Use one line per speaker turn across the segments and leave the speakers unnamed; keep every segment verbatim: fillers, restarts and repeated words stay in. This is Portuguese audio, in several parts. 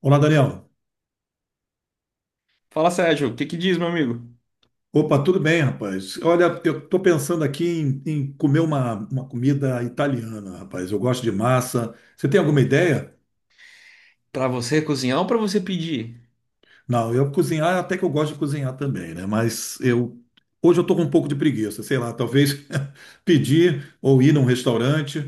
Olá, Daniel.
Fala, Sérgio, o que que diz, meu amigo?
Opa, tudo bem, rapaz? Olha, eu tô pensando aqui em, em comer uma, uma comida italiana, rapaz. Eu gosto de massa. Você tem alguma ideia?
Pra você cozinhar ou pra você pedir?
Não, eu cozinhar, até que eu gosto de cozinhar também, né? Mas eu hoje eu tô com um pouco de preguiça, sei lá, talvez pedir ou ir num restaurante.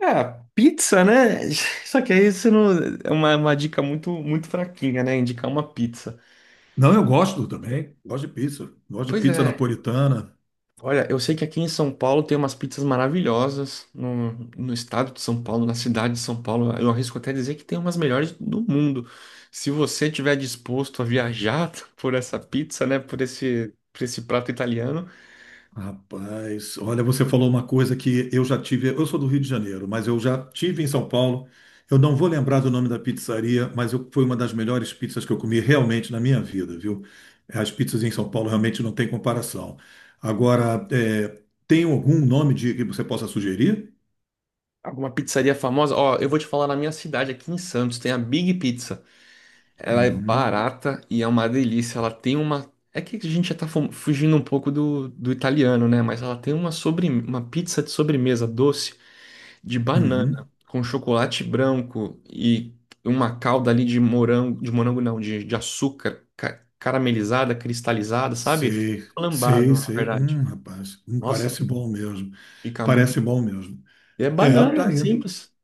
É pizza, né? Só que aí isso não... é uma, uma dica muito, muito fraquinha, né? Indicar uma pizza.
Não, eu gosto também. Gosto de pizza. Gosto de
Pois
pizza
é.
napolitana.
Olha, eu sei que aqui em São Paulo tem umas pizzas maravilhosas. No, no estado de São Paulo, na cidade de São Paulo, eu arrisco até dizer que tem umas melhores do mundo. Se você tiver disposto a viajar por essa pizza, né? Por esse, por esse prato italiano,
Rapaz, olha, você falou uma coisa que eu já tive. Eu sou do Rio de Janeiro, mas eu já tive em São Paulo. Eu não vou lembrar do nome da pizzaria, mas eu- foi uma das melhores pizzas que eu comi realmente na minha vida, viu? As pizzas em São Paulo realmente não têm comparação. Agora, é, tem algum nome de que você possa sugerir?
alguma pizzaria famosa. Ó, eu vou te falar na minha cidade, aqui em Santos, tem a Big Pizza. Ela é
Uhum,
barata e é uma delícia. Ela tem uma. É que a gente já tá fu- fugindo um pouco do, do italiano, né? Mas ela tem uma, sobre... uma pizza de sobremesa doce de banana
uhum.
com chocolate branco e uma calda ali de morango. De morango não, de, de açúcar ca- caramelizada, cristalizada, sabe?
Sei,
Flambado,
sei,
na
sei.
verdade.
Hum, rapaz, hum,
Nossa,
parece bom mesmo.
fica muito.
Parece bom mesmo.
E é
É,
banana,
tá
é
aí.
simples.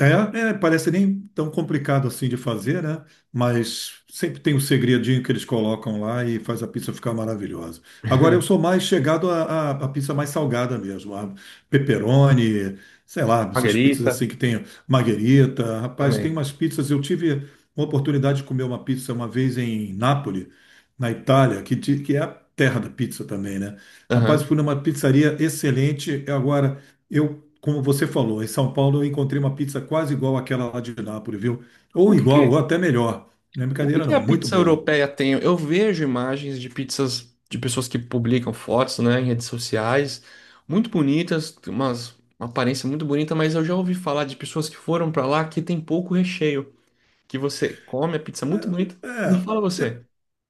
É, é, parece nem tão complicado assim de fazer, né? Mas sempre tem um segredinho que eles colocam lá e faz a pizza ficar maravilhosa. Agora eu sou mais chegado à à- à pizza mais salgada mesmo, a pepperoni, sei lá, essas pizzas assim
Margarita
que tem marguerita. Rapaz, tem
também.
umas pizzas. Eu tive uma oportunidade de comer uma pizza uma vez em Nápoles, na Itália, que, ti- que é a terra da pizza também, né? Rapaz,
Aham.
fui numa pizzaria excelente. Agora. Eu como você falou, em São Paulo eu encontrei uma pizza quase igual àquela lá de Nápoles, viu? Ou
O que
igual, ou
que
até melhor. Não é
O que
brincadeira,
que
não.
a
Muito
pizza
boa.
europeia tem? Eu vejo imagens de pizzas de pessoas que publicam fotos, né, em redes sociais, muito bonitas, tem umas, uma aparência muito bonita, mas eu já ouvi falar de pessoas que foram para lá que tem pouco recheio, que você come a pizza muito bonita. Me
É,
fala
de-
você.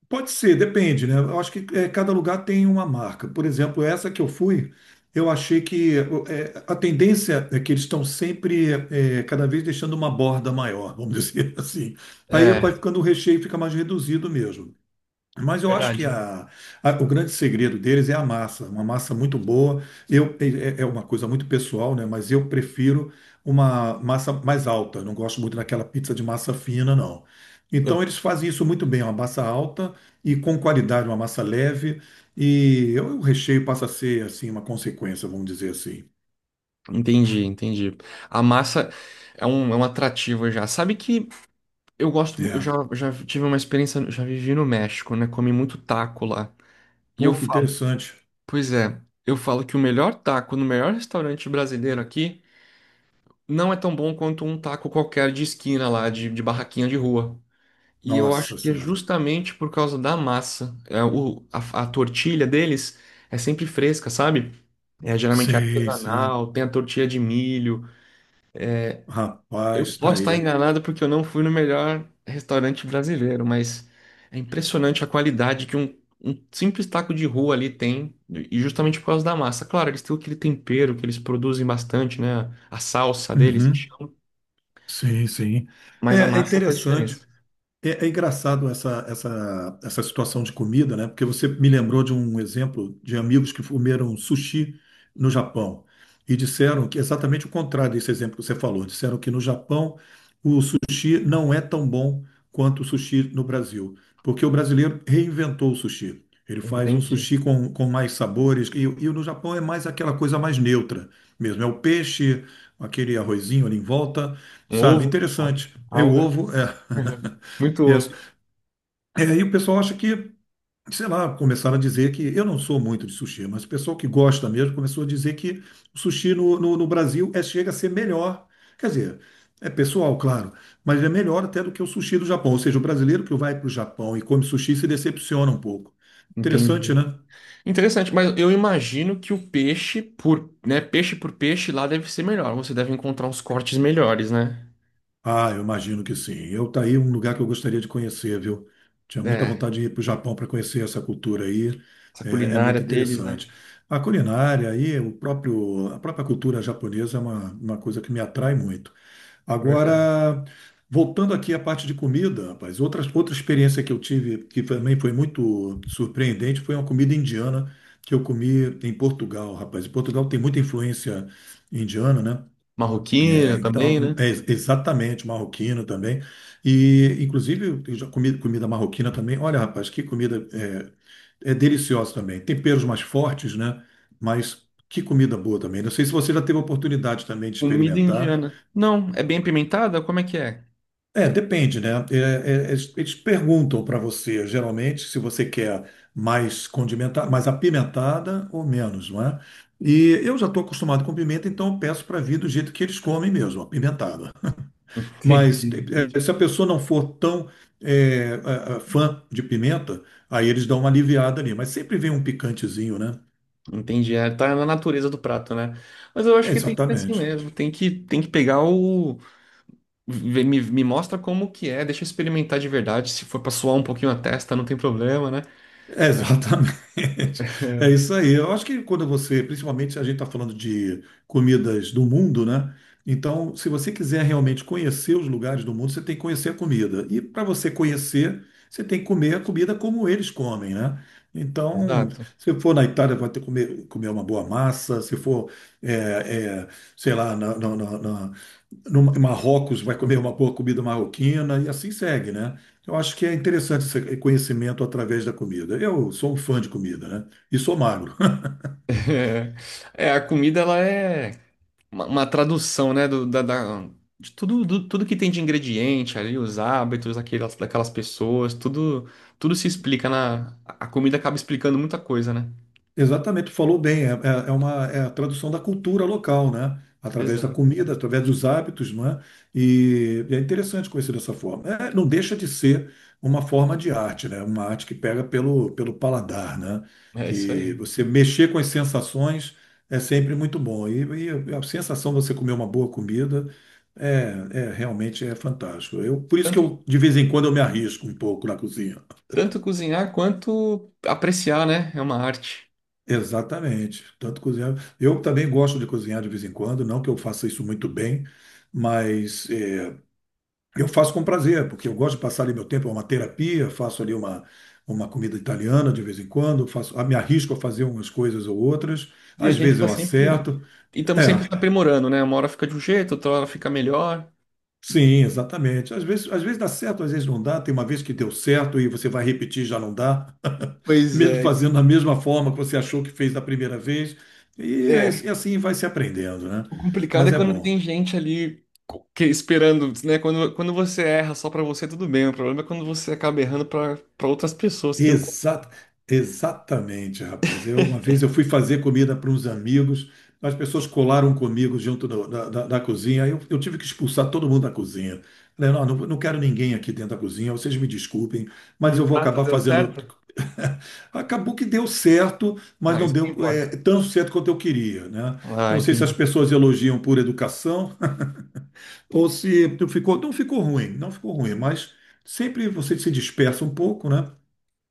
pode ser, depende, né? Eu acho que é, cada lugar tem uma marca. Por exemplo, essa que eu fui, eu achei que é, a tendência é que eles estão sempre é, cada vez deixando uma borda maior, vamos dizer assim. Aí vai
É,
ficando o recheio fica mais reduzido mesmo. Mas eu acho
verdade.
que a- a- o grande segredo deles é a massa, uma massa muito boa. Eu, é, é é uma coisa muito pessoal, né? Mas eu prefiro uma massa mais alta. Não gosto muito daquela pizza de massa fina, não.
Eu
Então eles fazem isso muito bem, uma massa alta e com qualidade, uma massa leve. E eu- o recheio passa a ser assim uma consequência, vamos dizer assim.
entendi, entendi. A massa é um, é um atrativo já. Sabe que eu gosto, mu- eu já,
É.
já tive uma experiência, já vivi no México, né? Comi muito taco lá. E eu
Pô, que interessante.
pois é, eu falo que o melhor taco no melhor restaurante brasileiro aqui não é tão bom quanto um taco qualquer de esquina lá, de, de barraquinha de rua. E eu
Nossa
acho que é
Senhora.
justamente por causa da massa. É, o, a, a tortilha deles é sempre fresca, sabe? É geralmente
Sei, sei.
artesanal, tem a tortilha de milho. Eu
Rapaz, tá
posso estar
aí.
enganado porque eu não fui no melhor restaurante brasileiro, mas é impressionante a qualidade que um, um simples taco de rua ali tem, e justamente por causa da massa. Claro, eles têm aquele tempero que eles produzem bastante, né? A salsa deles, que
Uhum.
chamam,
Sim, sim.
mas a
É, é
massa faz
interessante.
diferença.
É, é engraçado essa, essa, essa situação de comida, né? Porque você me lembrou de um exemplo de amigos que comeram sushi no Japão e disseram que é exatamente o contrário desse exemplo que você falou. Disseram que no Japão o sushi não é tão bom quanto o sushi no Brasil, porque o brasileiro reinventou o sushi. Ele faz um
Entendi.
sushi com, com mais sabores e, e no Japão é mais aquela coisa mais neutra mesmo. É o peixe, aquele arrozinho ali em volta,
Um
sabe?
ovo,
Interessante. É o
alga,
ovo, é.
muito ovo.
É, e o pessoal acha que, sei lá, começaram a dizer que eu não sou muito de sushi, mas o pessoal que gosta mesmo começou a dizer que o sushi no, no, no Brasil é, chega a ser melhor. Quer dizer, é pessoal, claro, mas é melhor até do que o sushi do Japão. Ou seja, o brasileiro que vai para o Japão e come sushi se decepciona um pouco. Interessante,
Entendi.
né?
Interessante, mas eu imagino que o peixe por, né, peixe por peixe lá deve ser melhor. Você deve encontrar uns cortes melhores, né?
Ah, eu imagino que sim. Eu tá aí um lugar que eu gostaria de conhecer, viu? Tinha muita
É.
vontade de ir para o Japão para conhecer essa cultura aí.
Essa
É, é
culinária
muito
deles, né?
interessante. A culinária e o próprio, a própria cultura japonesa é uma, uma coisa que me atrai muito.
Verdade.
Agora, voltando aqui à parte de comida, rapaz, outra, outra experiência que eu tive que também foi muito surpreendente foi uma comida indiana que eu comi em Portugal, rapaz. Em Portugal tem muita influência indiana, né? É,
Marroquina também,
então,
né?
é ex- exatamente, marroquino também. E, inclusive, eu já comi comida marroquina também. Olha, rapaz, que comida é, é deliciosa também. Temperos mais fortes, né? Mas que comida boa também. Não sei se você já teve a oportunidade também de
Comida
experimentar.
indiana. Não, é bem apimentada? Como é que é?
É, depende, né? É, é, eles eles perguntam para você, geralmente, se você quer mais condimentada, mais apimentada ou menos, não é? E eu já estou acostumado com pimenta, então eu peço para vir do jeito que eles comem mesmo, apimentada.
Entendi,
Mas eh,
entendi.
se a pessoa não for tão eh, a- a- fã de pimenta, aí eles dão uma aliviada ali. Mas sempre vem um picantezinho, né?
Entendi, é, tá na natureza do prato, né? Mas eu acho
É,
que tem que ser assim
exatamente.
mesmo, tem que, tem que pegar o... vê- Me, me mostra como que é, deixa eu experimentar de verdade, se for pra suar um pouquinho a testa, não tem problema, né?
É, exatamente. É isso aí. Eu acho que quando você, principalmente a gente está falando de comidas do mundo, né? Então, se você quiser realmente conhecer os lugares do mundo, você tem que conhecer a comida. E para você conhecer, você tem que comer a comida como eles comem, né? Então,
Exato.
se for na Itália, vai ter que comer, comer uma boa massa. Se for, é, é, sei lá, na, na, na, na- no Marrocos, vai comer uma boa comida marroquina e assim segue, né? Eu acho que é interessante esse conhecimento através da comida. Eu sou um fã de comida, né? E sou magro.
É, a comida, ela é... uma, uma tradução, né, do, da, da- de tudo, do- tudo que tem de ingrediente ali, os hábitos daquelas, daquelas pessoas, tudo, tudo se explica na, a comida acaba explicando muita coisa, né?
Exatamente, tu falou bem, é, é- é uma é a tradução da cultura local, né? Através da
Exato.
comida, através dos hábitos, não é? E, e é interessante conhecer dessa forma. É, não deixa de ser uma forma de arte, né? Uma arte que pega pelo, pelo paladar, né?
É isso
Que
aí.
você mexer com as sensações é sempre muito bom. E, e a sensação de você comer uma boa comida é, é realmente é fantástico. Eu, por isso que
Tanto,
eu, de vez em quando eu me arrisco um pouco na cozinha.
tanto cozinhar quanto apreciar, né? É uma arte.
Exatamente. Tanto cozinhar. Eu também gosto de cozinhar de vez em quando, não que eu faça isso muito bem, mas eh, eu faço com prazer, porque eu gosto de passar ali meu tempo, é uma terapia, faço ali uma, uma comida italiana de vez em quando, faço, ah, me arrisco a fazer umas coisas ou outras,
E a
às
gente
vezes
tá
eu
sempre,
acerto.
e estamos sempre se
É,
aprimorando, né? Uma hora fica de um jeito, outra hora fica melhor.
sim, exatamente. Às vezes, às vezes dá certo, às vezes não dá. Tem uma vez que deu certo e você vai repetir, e já não dá,
Pois
mesmo
é.
fazendo da mesma forma que você achou que fez da primeira vez, e, é- e
É.
assim vai se aprendendo, né?
O complicado é
Mas é
quando
bom.
tem gente ali co- que esperando, né? Quando, quando você erra só pra você, tudo bem. O problema é quando você acaba errando pra para outras pessoas que iam co-
Exa- exatamente, rapaz. Eu, uma vez eu fui fazer comida para uns amigos, as pessoas colaram comigo junto do- da, da- da cozinha, aí eu, eu tive que expulsar todo mundo da cozinha. Falei, não, não, não quero ninguém aqui dentro da cozinha, vocês me desculpem,
e
mas
o
eu vou
prato
acabar
deu
fazendo.
certo.
Acabou que deu certo, mas
Ah,
não
isso que
deu é,
importa.
tão certo quanto eu queria, né? Eu
Ah,
não sei se as
entendi.
pessoas elogiam por educação ou se ficou, não ficou ruim, não ficou ruim, mas sempre você se dispersa um pouco, né?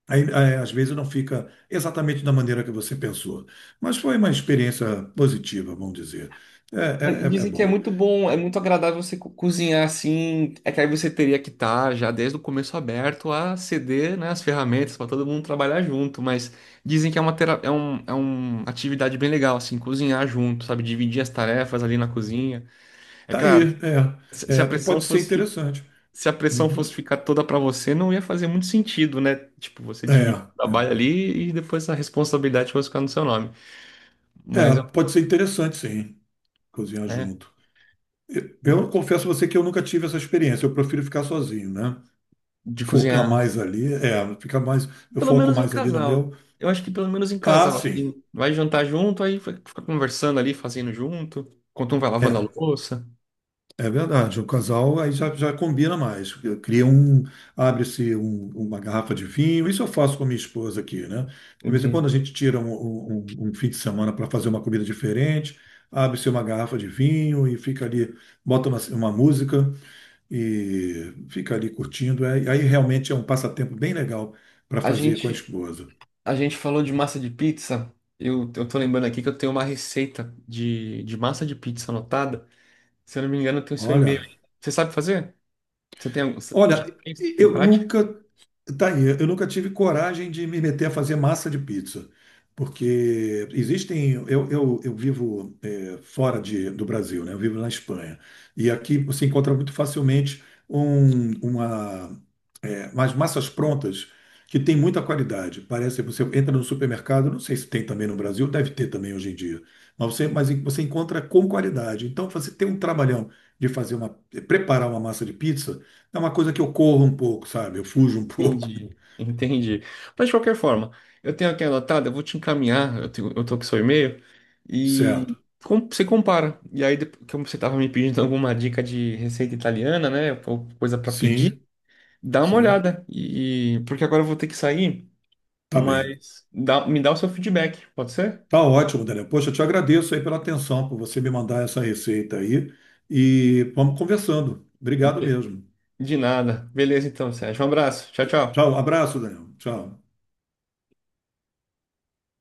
Aí, é, às vezes não fica exatamente da maneira que você pensou, mas foi uma experiência positiva, vamos dizer. É,
Mas
é, é- é
dizem que é
bom.
muito bom, é muito agradável você co- cozinhar assim. É que aí você teria que estar já desde o começo aberto a ceder, né, as ferramentas pra todo mundo trabalhar junto. Mas dizem que é uma, tera- é um, é uma atividade bem legal, assim, cozinhar junto, sabe? Dividir as tarefas ali na cozinha. É
Tá aí,
claro. Se
é,
se a
é,
pressão
pode ser
fosse, fi-
interessante.
se a pressão
Uhum.
fosse ficar toda para você, não ia fazer muito sentido, né? Tipo, você
É,
dividir o
é,
trabalho ali e depois a responsabilidade fosse ficar no seu nome.
é,
Mas,
pode ser interessante, sim, cozinhar
é,
junto. Eu,
de
eu confesso a você que eu nunca tive essa experiência. Eu prefiro ficar sozinho, né?
de
Focar
cozinhar, né?
mais ali, é, ficar mais, eu
Pelo
foco
menos em
mais ali no
casal.
meu.
Eu acho que pelo menos em
Ah,
casal, assim,
sim.
vai jantar junto, aí fica fica conversando ali, fazendo junto, enquanto um vai lavando a
É.
louça.
É verdade, o casal aí já, já combina mais. Cria um, abre-se um- uma garrafa de vinho. Isso eu faço com a minha esposa aqui, né? De vez em quando
Entende?
a gente tira um, um- um um fim de semana para fazer uma comida diferente, abre-se uma garrafa de vinho e fica ali, bota uma, uma música e fica ali curtindo. É- aí realmente é um passatempo bem legal para
A
fazer com a
gente,
esposa.
a gente falou de massa de pizza. Eu, eu tô lembrando aqui que eu tenho uma receita de, de massa de pizza anotada. Se eu não me engano, tem o seu e-mail.
Olha,
Aí. Você sabe fazer? Você tem, algum- você já
olha,
fez? Tem
eu
prática?
nunca tá aí, eu nunca tive coragem de me meter a fazer massa de pizza, porque existem. Eu, eu, eu vivo eh, fora de, do Brasil, né? Eu vivo na Espanha. E aqui você encontra muito facilmente um, uma, eh, umas massas prontas que tem muita qualidade. Parece que você entra no supermercado, não sei se tem também no Brasil, deve ter também hoje em dia, mas você, mas você encontra com qualidade. Então você tem um trabalhão de fazer uma, preparar uma massa de pizza. É uma coisa que eu corro um pouco, sabe? Eu fujo um pouco.
Entendi, entendi. Mas de qualquer forma, eu tenho aqui anotado, eu vou te encaminhar, eu, tenho, eu tô com o seu e-mail,
Certo.
e com- você compara. E aí, depois, como você tava me pedindo alguma dica de receita italiana, né? Ou coisa para pedir,
Sim,
dá uma
sim.
olhada. E, porque agora eu vou ter que sair,
Tá bem.
mas dá- me dá o seu feedback, pode ser?
Tá ótimo, Daniel. Poxa, eu te agradeço aí pela atenção, por você me mandar essa receita aí. E vamos conversando. Obrigado
De
mesmo.
de nada. Beleza, então, Sérgio. Um abraço. Tchau, tchau.
Tchau, abraço, Daniel. Tchau.